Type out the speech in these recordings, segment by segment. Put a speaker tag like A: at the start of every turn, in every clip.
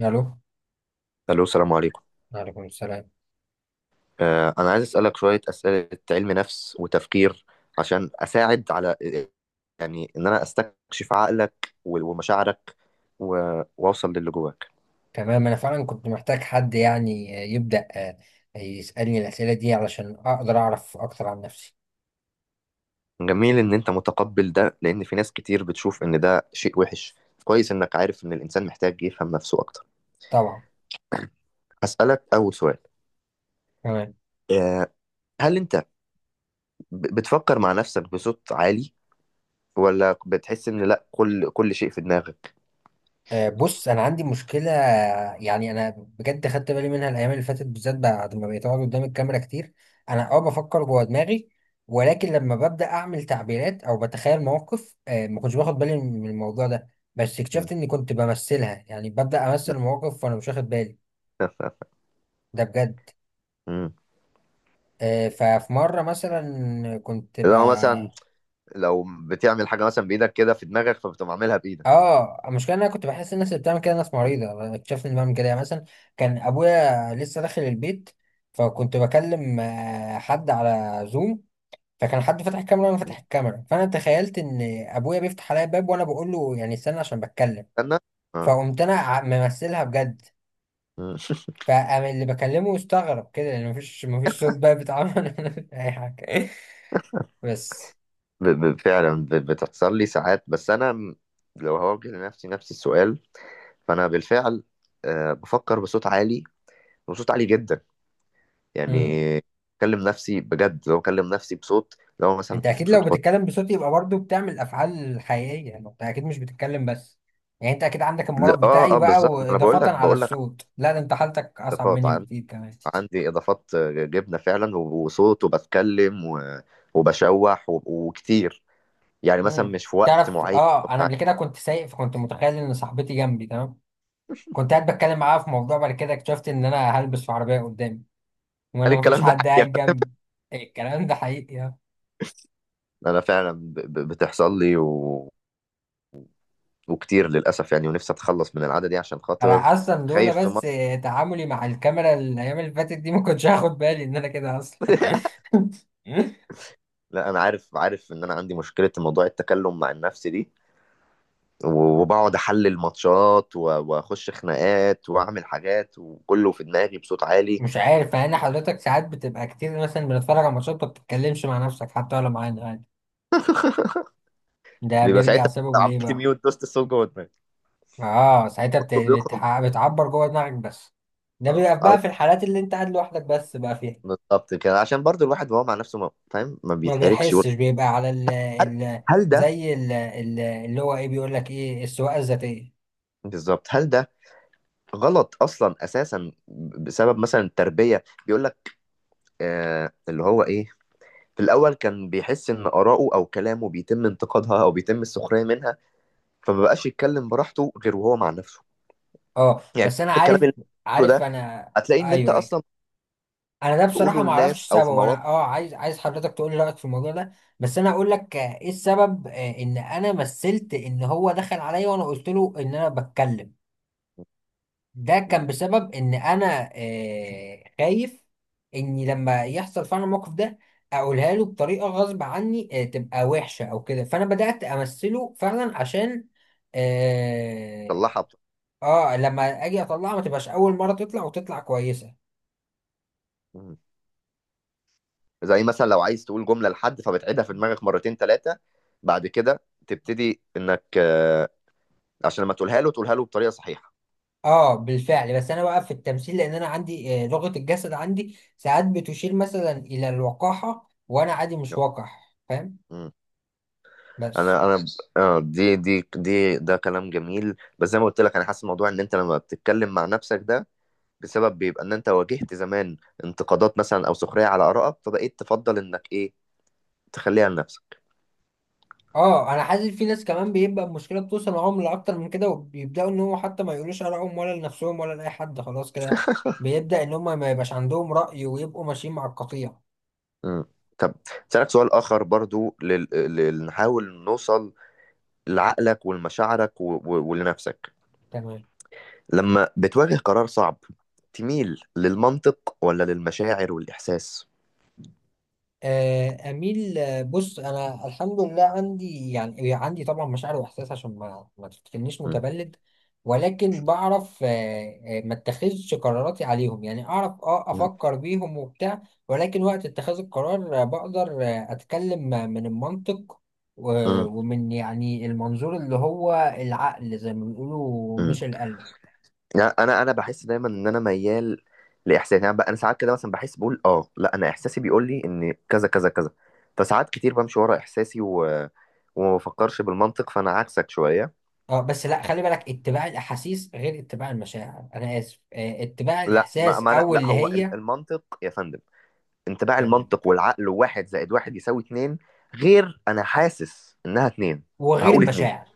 A: الو.
B: الو، السلام عليكم.
A: وعليكم السلام.
B: انا عايز اسالك شويه اسئله علم نفس وتفكير، عشان اساعد على، يعني ان انا استكشف عقلك و- ومشاعرك، و- واوصل للي جواك.
A: تمام، انا فعلا كنت محتاج حد يعني، يبدا يسالني الاسئله دي علشان اقدر اعرف اكتر عن نفسي.
B: جميل ان انت متقبل ده، لان في ناس كتير بتشوف ان ده شيء وحش. كويس انك عارف ان الانسان محتاج يفهم نفسه اكتر.
A: طبعا.
B: هسالك اول سؤال.
A: تمام.
B: آه، هل انت بتفكر مع نفسك بصوت عالي، ولا بتحس ان لا كل شيء في دماغك؟
A: بص انا عندي مشكله، يعني انا بجد خدت بالي منها الايام اللي فاتت، بالذات بعد ما بقيت اقعد قدام الكاميرا كتير. انا بفكر جوه دماغي، ولكن لما ببدا اعمل تعبيرات او بتخيل مواقف، ما كنتش باخد بالي من الموضوع ده. بس
B: مم.
A: اكتشفت اني كنت بمثلها، يعني ببدا امثل مواقف وانا مش واخد بالي. ده بجد.
B: مم.
A: ففي مرة مثلا كنت ب
B: لو مثلا، لو بتعمل حاجة مثلا بإيدك كده في دماغك، فبتقوم عاملها بإيدك.
A: اه المشكلة ان انا كنت بحس الناس اللي بتعمل كده ناس
B: م.
A: مريضة. اكتشفت اني بعمل كده، يعني مثلا كان ابويا لسه داخل البيت، فكنت بكلم حد على زوم. فكان حد فاتح الكاميرا وانا فاتح الكاميرا، فانا تخيلت ان ابويا بيفتح عليا الباب وانا بقول له يعني استنى عشان بتكلم.
B: استنى، اه.
A: فقمت انا ممثلها بجد.
B: م.
A: فقام اللي بكلمه استغرب كده لان مفيش صوت بقى بيتعمل. اي حاجة بس.
B: فعلا بتحصل لي ساعات، بس أنا لو هوجه لنفسي نفس السؤال، فأنا بالفعل بفكر بصوت عالي، وصوت عالي جدا. يعني
A: مم.
B: بكلم نفسي بجد، لو بكلم نفسي بصوت، لو مثلا
A: انت
B: مش
A: اكيد
B: بصوت
A: لو
B: واطي.
A: بتتكلم بصوت يبقى برضو بتعمل افعال حقيقيه، يعني انت اكيد مش بتتكلم بس، يعني انت اكيد عندك
B: لا،
A: المرض
B: اه
A: بتاعي
B: اه،
A: بقى
B: بالظبط. ما انا بقول
A: واضافه
B: لك
A: على
B: بقول لك
A: الصوت، لا ده انت حالتك اصعب
B: اضافات
A: مني بكتير كمان.
B: عندي اضافات جبنه فعلا، و- وصوت، وبتكلم، وبشوح، و- وكتير، يعني مثلا مش في وقت
A: تعرف،
B: معين
A: اه انا
B: وبتاع.
A: قبل كده كنت سايق، فكنت متخيل ان صاحبتي جنبي تمام. كنت قاعد بتكلم معاها في موضوع، بعد كده اكتشفت ان انا هلبس في عربيه قدامي،
B: هل
A: وانا مفيش
B: الكلام ده
A: حد
B: حقيقة؟
A: قاعد جنبي. إيه، الكلام ده حقيقي، اه.
B: انا فعلا بتحصل لي، وكتير للاسف، يعني ونفسي اتخلص من العادة دي عشان
A: انا
B: خاطر،
A: اصلا لولا
B: خايف في
A: بس
B: مرة.
A: تعاملي مع الكاميرا الايام اللي فاتت دي ما كنتش هاخد بالي ان انا كده اصلا.
B: لا، انا عارف ان انا عندي مشكلة موضوع التكلم مع النفس دي، و- وبقعد احلل ماتشات، واخش خناقات واعمل حاجات، وكله في دماغي بصوت عالي.
A: مش عارف، مع ان حضرتك ساعات بتبقى كتير مثلا بنتفرج على ماتشات ما بتتكلمش مع نفسك حتى ولا معانا عادي، ده
B: بيبقى
A: بيرجع
B: ساعتها
A: سببه ليه
B: عملت
A: بقى؟
B: ميوت دوست الصوت جوه دماغي،
A: اه، ساعتها
B: كله بيخرج.
A: بتعبر جوه دماغك بس. ده
B: اه،
A: بيبقى
B: او
A: بقى في الحالات اللي انت قاعد لوحدك بس بقى فيها.
B: بالظبط كده، عشان برضو الواحد وهو مع نفسه ما... فاهم، ما
A: ما
B: بيتحركش.
A: بيحسش بيبقى على
B: هل هل ده،
A: زي اللي هو ايه بيقول لك ايه السواقه الذاتيه.
B: بالظبط، هل ده غلط اصلا اساسا، بسبب مثلا التربيه؟ بيقول لك، اللي هو ايه، في الاول كان بيحس ان اراءه او كلامه بيتم انتقادها او بيتم السخريه منها، فما بقاش يتكلم براحته غير وهو مع نفسه.
A: اه،
B: يعني
A: بس انا
B: الكلام
A: عارف
B: اللي أنت بتقوله
A: عارف
B: ده،
A: انا.
B: هتلاقي ان انت
A: ايوه ايوه،
B: اصلا
A: انا ده بصراحه
B: بتقوله
A: ما اعرفش
B: للناس او في
A: السبب.
B: مواقف.
A: انا عايز حضرتك تقول لي رايك في الموضوع ده. بس انا اقول لك، ايه السبب، ان انا مثلت ان هو دخل عليا وانا قلت له ان انا بتكلم. ده كان
B: مم.
A: بسبب ان انا خايف اني لما يحصل فعلا الموقف ده اقولها له بطريقه غصب عني، تبقى وحشه او كده، فانا بدات امثله فعلا عشان اه
B: تصلحها
A: لما اجي اطلعها ما تبقاش اول مره، تطلع وتطلع كويسه.
B: مم. زي مثلا لو عايز تقول جمله لحد، فبتعيدها في دماغك مرتين ثلاثه، بعد كده تبتدي انك عشان لما تقولها له، تقولها له بطريقه صحيحه.
A: اه بالفعل. بس انا بقى في التمثيل لان انا عندي لغة الجسد عندي ساعات بتشير مثلا الى الوقاحة وانا عادي مش وقح، فاهم. بس
B: انا اه، دي دي دي ده كلام جميل، بس زي ما قلت لك انا حاسس الموضوع، ان انت لما بتتكلم مع نفسك ده، بسبب بيبقى ان انت واجهت زمان انتقادات مثلا او سخريه على ارائك، فبقيت تفضل انك ايه، تخليها لنفسك.
A: اه انا حاسس في ناس كمان بيبقى المشكلة بتوصل معاهم لاكتر من كده، وبيبداوا ان هو حتى ما يقولوش ارائهم ولا لنفسهم ولا لاي حد خلاص كده. بيبدا ان هم ما يبقاش عندهم رأي ويبقوا ماشيين مع القطيع.
B: امم. طب، اسالك سؤال اخر برضو، نحاول نوصل لعقلك ولمشاعرك، ولنفسك.
A: تمام.
B: لما بتواجه قرار صعب، تميل للمنطق ولا للمشاعر والاحساس؟
A: أميل. بص أنا الحمد لله عندي يعني، عندي طبعا مشاعر وإحساس عشان ما تفتكرنيش
B: امم.
A: متبلد. ولكن بعرف ما اتخذش قراراتي عليهم، يعني أعرف
B: امم.
A: أفكر بيهم وبتاع. ولكن وقت اتخاذ القرار، بقدر، أتكلم، من المنطق
B: إمم.
A: ومن يعني المنظور اللي هو العقل زي ما بيقولوا،
B: إمم.
A: مش القلب.
B: يعني انا بحس دايما ان انا ميال لاحساسي. يعني انا ساعات كده مثلا بحس، بقول اه لا، انا احساسي بيقول لي ان كذا كذا كذا، فساعات كتير بمشي ورا احساسي، وما بفكرش بالمنطق، فانا عكسك شويه.
A: اه بس لا، خلي بالك، اتباع الأحاسيس غير اتباع المشاعر، أنا آسف، اتباع
B: لا، ما,
A: الإحساس
B: ما أنا،
A: أو
B: لا،
A: اللي
B: هو
A: هي
B: المنطق يا فندم. انطباع
A: تمام،
B: المنطق والعقل، واحد زائد واحد يساوي اتنين، غير انا حاسس انها اتنين،
A: وغير
B: فهقول اتنين.
A: المشاعر.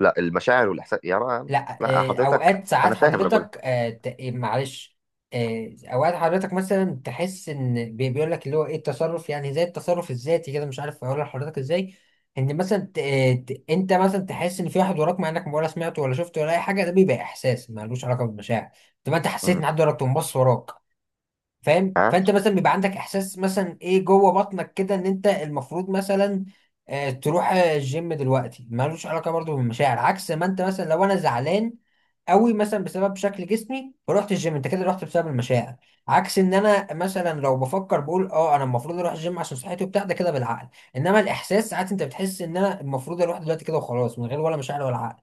B: لا، المشاعر والاحساس يا رأى.
A: لا
B: لا حضرتك،
A: اوقات، ساعات
B: انا فاهم، انا بقول.
A: حضرتك إيه، معلش. اوقات حضرتك مثلا تحس ان بيقول لك اللي هو ايه التصرف، يعني زي التصرف الذاتي كده، مش عارف اقول لحضرتك ازاي. ان مثلا انت مثلا تحس ان في واحد وراك مع انك ولا سمعته ولا شفته ولا اي حاجه، ده بيبقى احساس ملوش علاقه بالمشاعر. طب ما انت حسيت ان حد وراك تقوم بص وراك، فاهم.
B: ها،
A: فانت مثلا بيبقى عندك احساس مثلا ايه جوه بطنك كده ان انت المفروض مثلا تروح الجيم دلوقتي، ملوش علاقه برضو بالمشاعر. عكس ما انت مثلا لو انا زعلان قوي مثلا بسبب شكل جسمي فروحت الجيم، انت كده رحت بسبب المشاعر. عكس ان انا مثلا لو بفكر بقول اه انا المفروض اروح الجيم عشان صحتي وبتاع، ده كده بالعقل. انما الاحساس ساعات انت بتحس ان انا المفروض اروح دلوقتي كده وخلاص، من غير ولا مشاعر ولا عقل.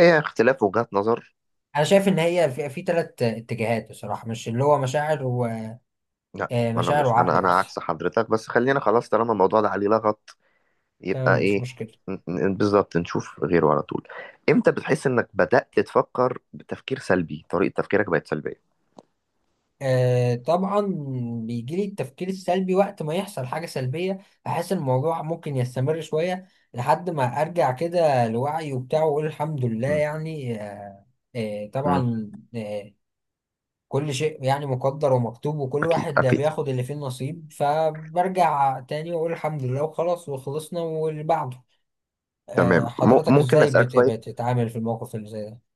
B: ايه، اختلاف وجهات نظر.
A: انا شايف ان هي في ثلاث اتجاهات بصراحه، مش اللي هو مشاعر
B: لا، ما انا
A: ومشاعر
B: مش، انا
A: وعقل
B: انا
A: بس.
B: عكس حضرتك، بس خلينا خلاص طالما الموضوع ده عليه لغط،
A: تمام،
B: يبقى
A: مش
B: ايه،
A: مشكلة.
B: بالظبط نشوف غيره على طول. امتى بتحس انك بدأت تفكر بتفكير سلبي، طريقة تفكيرك بقت سلبية؟
A: آه طبعا بيجي لي التفكير السلبي وقت ما يحصل حاجة سلبية، أحس الموضوع ممكن يستمر شوية لحد ما أرجع كده لوعي وبتاع وأقول الحمد لله.
B: مم.
A: يعني
B: مم.
A: طبعا كل شيء يعني مقدر ومكتوب، وكل
B: اكيد
A: واحد ده
B: اكيد.
A: بياخد اللي فيه النصيب، فبرجع تاني وأقول الحمد لله وخلاص وخلصنا واللي بعده.
B: تمام،
A: حضرتك
B: ممكن
A: إزاي
B: اسألك شوية.
A: بتتعامل في الموقف اللي زي ده؟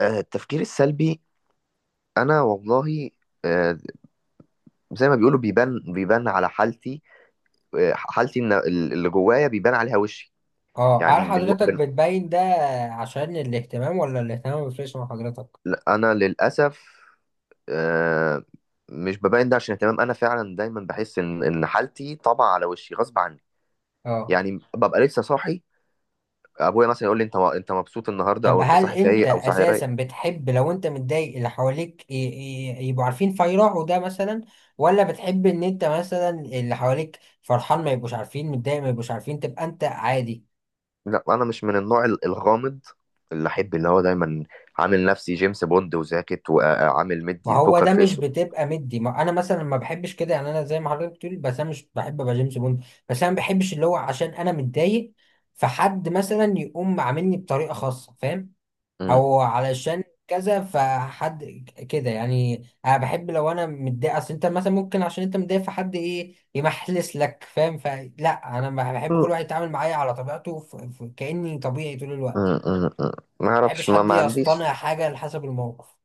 B: التفكير السلبي، انا والله، آه، زي ما بيقولوا بيبان على حالتي. حالتي إن اللي جوايا بيبان عليها وشي.
A: اه، هل
B: يعني من,
A: حضرتك
B: من
A: بتبين ده عشان الاهتمام، ولا الاهتمام ما بيفرقش مع حضرتك؟
B: انا للأسف آه، مش ببين ده عشان اهتمام، انا فعلا دايما بحس ان حالتي طبع على وشي غصب عني.
A: اه،
B: يعني ببقى لسه صاحي، ابويا مثلا يقول لي انت مبسوط النهارده،
A: طب
B: او انت
A: هل
B: صاحي
A: انت
B: فايق، او صاحي
A: اساسا
B: رايق.
A: بتحب لو انت متضايق اللي حواليك يبقوا عارفين فيروحوا ده مثلا، ولا بتحب ان انت مثلا اللي حواليك فرحان ما يبقوش عارفين، متضايق ما يبقوش عارفين، تبقى انت عادي؟
B: لا، انا مش من النوع الغامض، اللي احب، اللي هو دايما عامل نفسي جيمس بوند وزاكت، وعامل مدي
A: ما هو
B: البوكر
A: ده مش
B: فيس
A: بتبقى مدي، ما انا مثلا ما بحبش كده، يعني انا زي ما حضرتك بتقول، بس انا مش بحب ابقى جيمس بوند. بس انا ما بحبش اللي هو عشان انا متضايق فحد مثلا يقوم عاملني بطريقة خاصة، فاهم،
B: م-
A: او علشان كذا فحد كده. يعني انا بحب لو انا متضايق، اصل انت مثلا ممكن عشان انت متضايق فحد ايه يمحلس لك، فاهم، فلا انا بحب كل
B: م-
A: واحد يتعامل معايا على طبيعته كاني طبيعي طول
B: م-
A: الوقت.
B: م- ما
A: ما بحبش
B: اعرفش، ما,
A: حد
B: ما عنديش،
A: يصطنع حاجه على حسب الموقف.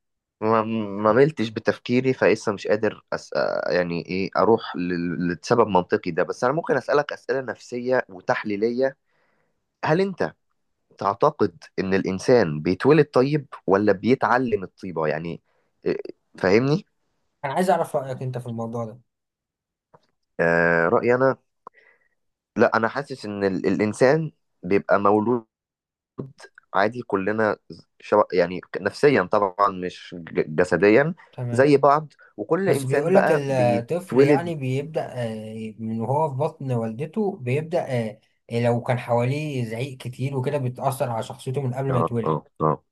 B: ما ما ملتش بتفكيري، فلسه مش قادر يعني ايه اروح لسبب منطقي ده. بس انا ممكن اسالك اسئله نفسيه وتحليليه. هل انت تعتقد ان الانسان بيتولد طيب، ولا بيتعلم الطيبه؟ يعني إيه، فاهمني؟
A: انا عايز اعرف رايك انت في الموضوع ده.
B: رايي انا، لا، انا حاسس ان الانسان بيبقى مولود عادي، كلنا يعني نفسيا طبعا، مش جسديا،
A: تمام،
B: زي بعض. وكل
A: بس
B: انسان
A: بيقول لك
B: بقى
A: الطفل
B: بيتولد،
A: يعني بيبدا من وهو في بطن والدته بيبدا، آه، لو كان حواليه زعيق كتير وكده بتاثر على شخصيته من قبل ما
B: اه
A: يتولد.
B: اه اه،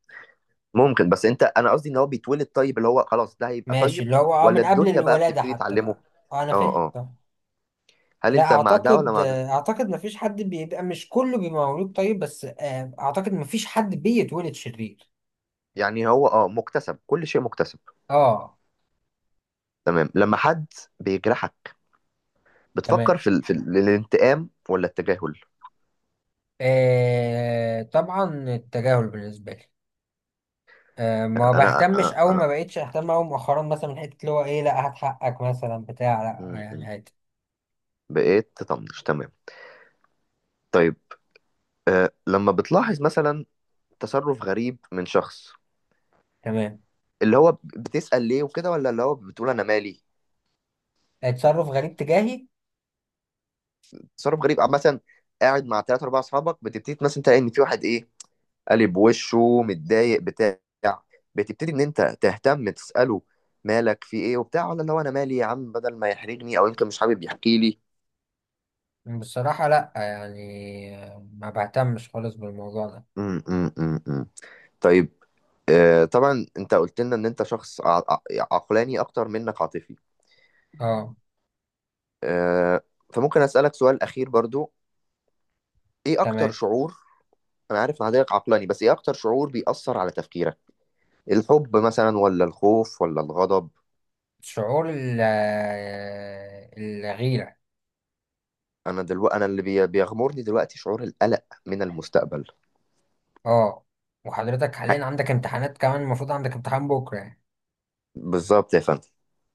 B: ممكن، بس انت، انا قصدي ان هو بيتولد طيب، اللي هو خلاص ده هيبقى
A: ماشي،
B: طيب،
A: اللي هو
B: ولا
A: من قبل
B: الدنيا بقى
A: الولادة
B: بتبتدي
A: حتى
B: تعلمه.
A: بقى. اه انا
B: اه
A: فاهم،
B: اه.
A: طب.
B: هل
A: لا،
B: انت مع ده ولا
A: اعتقد
B: مع ده؟
A: اعتقد مفيش حد بيبقى، مش كله بيبقى مولود طيب، بس اعتقد مفيش حد بيتولد شرير.
B: يعني هو مكتسب، كل شيء مكتسب.
A: اه.
B: تمام. لما حد بيجرحك،
A: تمام.
B: بتفكر في الانتقام ولا التجاهل؟
A: آه طبعا التجاهل بالنسبة لي آه ما
B: انا أنا-
A: بهتمش او
B: أنا-
A: ما بقتش اهتم او مؤخرا، مثلا من حتة اللي هو ايه لا هات حقك مثلا بتاع، لا يعني
B: م.
A: عادي.
B: بقيت تطنش، تمام. طيب، لما بتلاحظ مثلا تصرف غريب من شخص،
A: تمام.
B: اللي هو بتسأل ليه وكده، ولا اللي هو بتقول انا مالي؟
A: تصرف غريب تجاهي؟
B: تصرف غريب مثلا، قاعد مع ثلاثة أربعة أصحابك، بتبتدي مثلا تلاقي إن في واحد، إيه، قالب وشه متضايق بتاع بتبتدي ان انت تهتم تساله مالك، في ايه وبتاع، ولا اللي هو انا مالي يا عم، بدل ما يحرجني، او يمكن مش حابب يحكي لي.
A: بصراحة لا، يعني ما بهتمش خالص بالموضوع ده.
B: م. طيب، طبعا انت قلت لنا ان انت شخص عقلاني اكتر منك عاطفي.
A: اه.
B: آه فممكن اسالك سؤال اخير برضو، ايه اكتر
A: تمام.
B: شعور. انا عارف ان حضرتك عقلاني، بس ايه اكتر شعور بيأثر على تفكيرك؟ الحب مثلا، ولا الخوف، ولا الغضب؟
A: شعور الغيرة.
B: انا اللي بيغمرني دلوقتي شعور القلق من المستقبل.
A: اه. وحضرتك حاليا عندك امتحانات كمان، المفروض عندك امتحان بكرة يعني،
B: بالظبط يا فندم.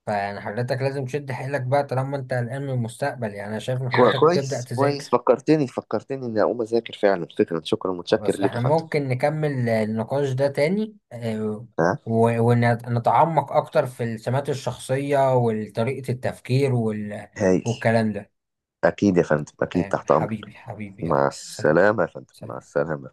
A: فيعني حضرتك لازم تشد حيلك بقى، طالما انت قلقان من المستقبل يعني، انا شايف ان حضرتك تبدأ
B: كويس كويس،
A: تذاكر.
B: فكرتني فكرتني اني اقوم اذاكر فعلا، فكرا، شكرا، متشكر
A: خلاص،
B: ليك
A: احنا
B: يا فندم.
A: ممكن نكمل النقاش ده تاني،
B: ها،
A: ونتعمق اكتر في السمات الشخصية وطريقة التفكير
B: هايل.
A: والكلام ده.
B: اكيد يا فندم، اكيد
A: تمام،
B: تحت امرك.
A: حبيبي حبيبي، يلا
B: مع
A: سلام.
B: السلامه يا فندم، مع
A: سلام.
B: السلامه.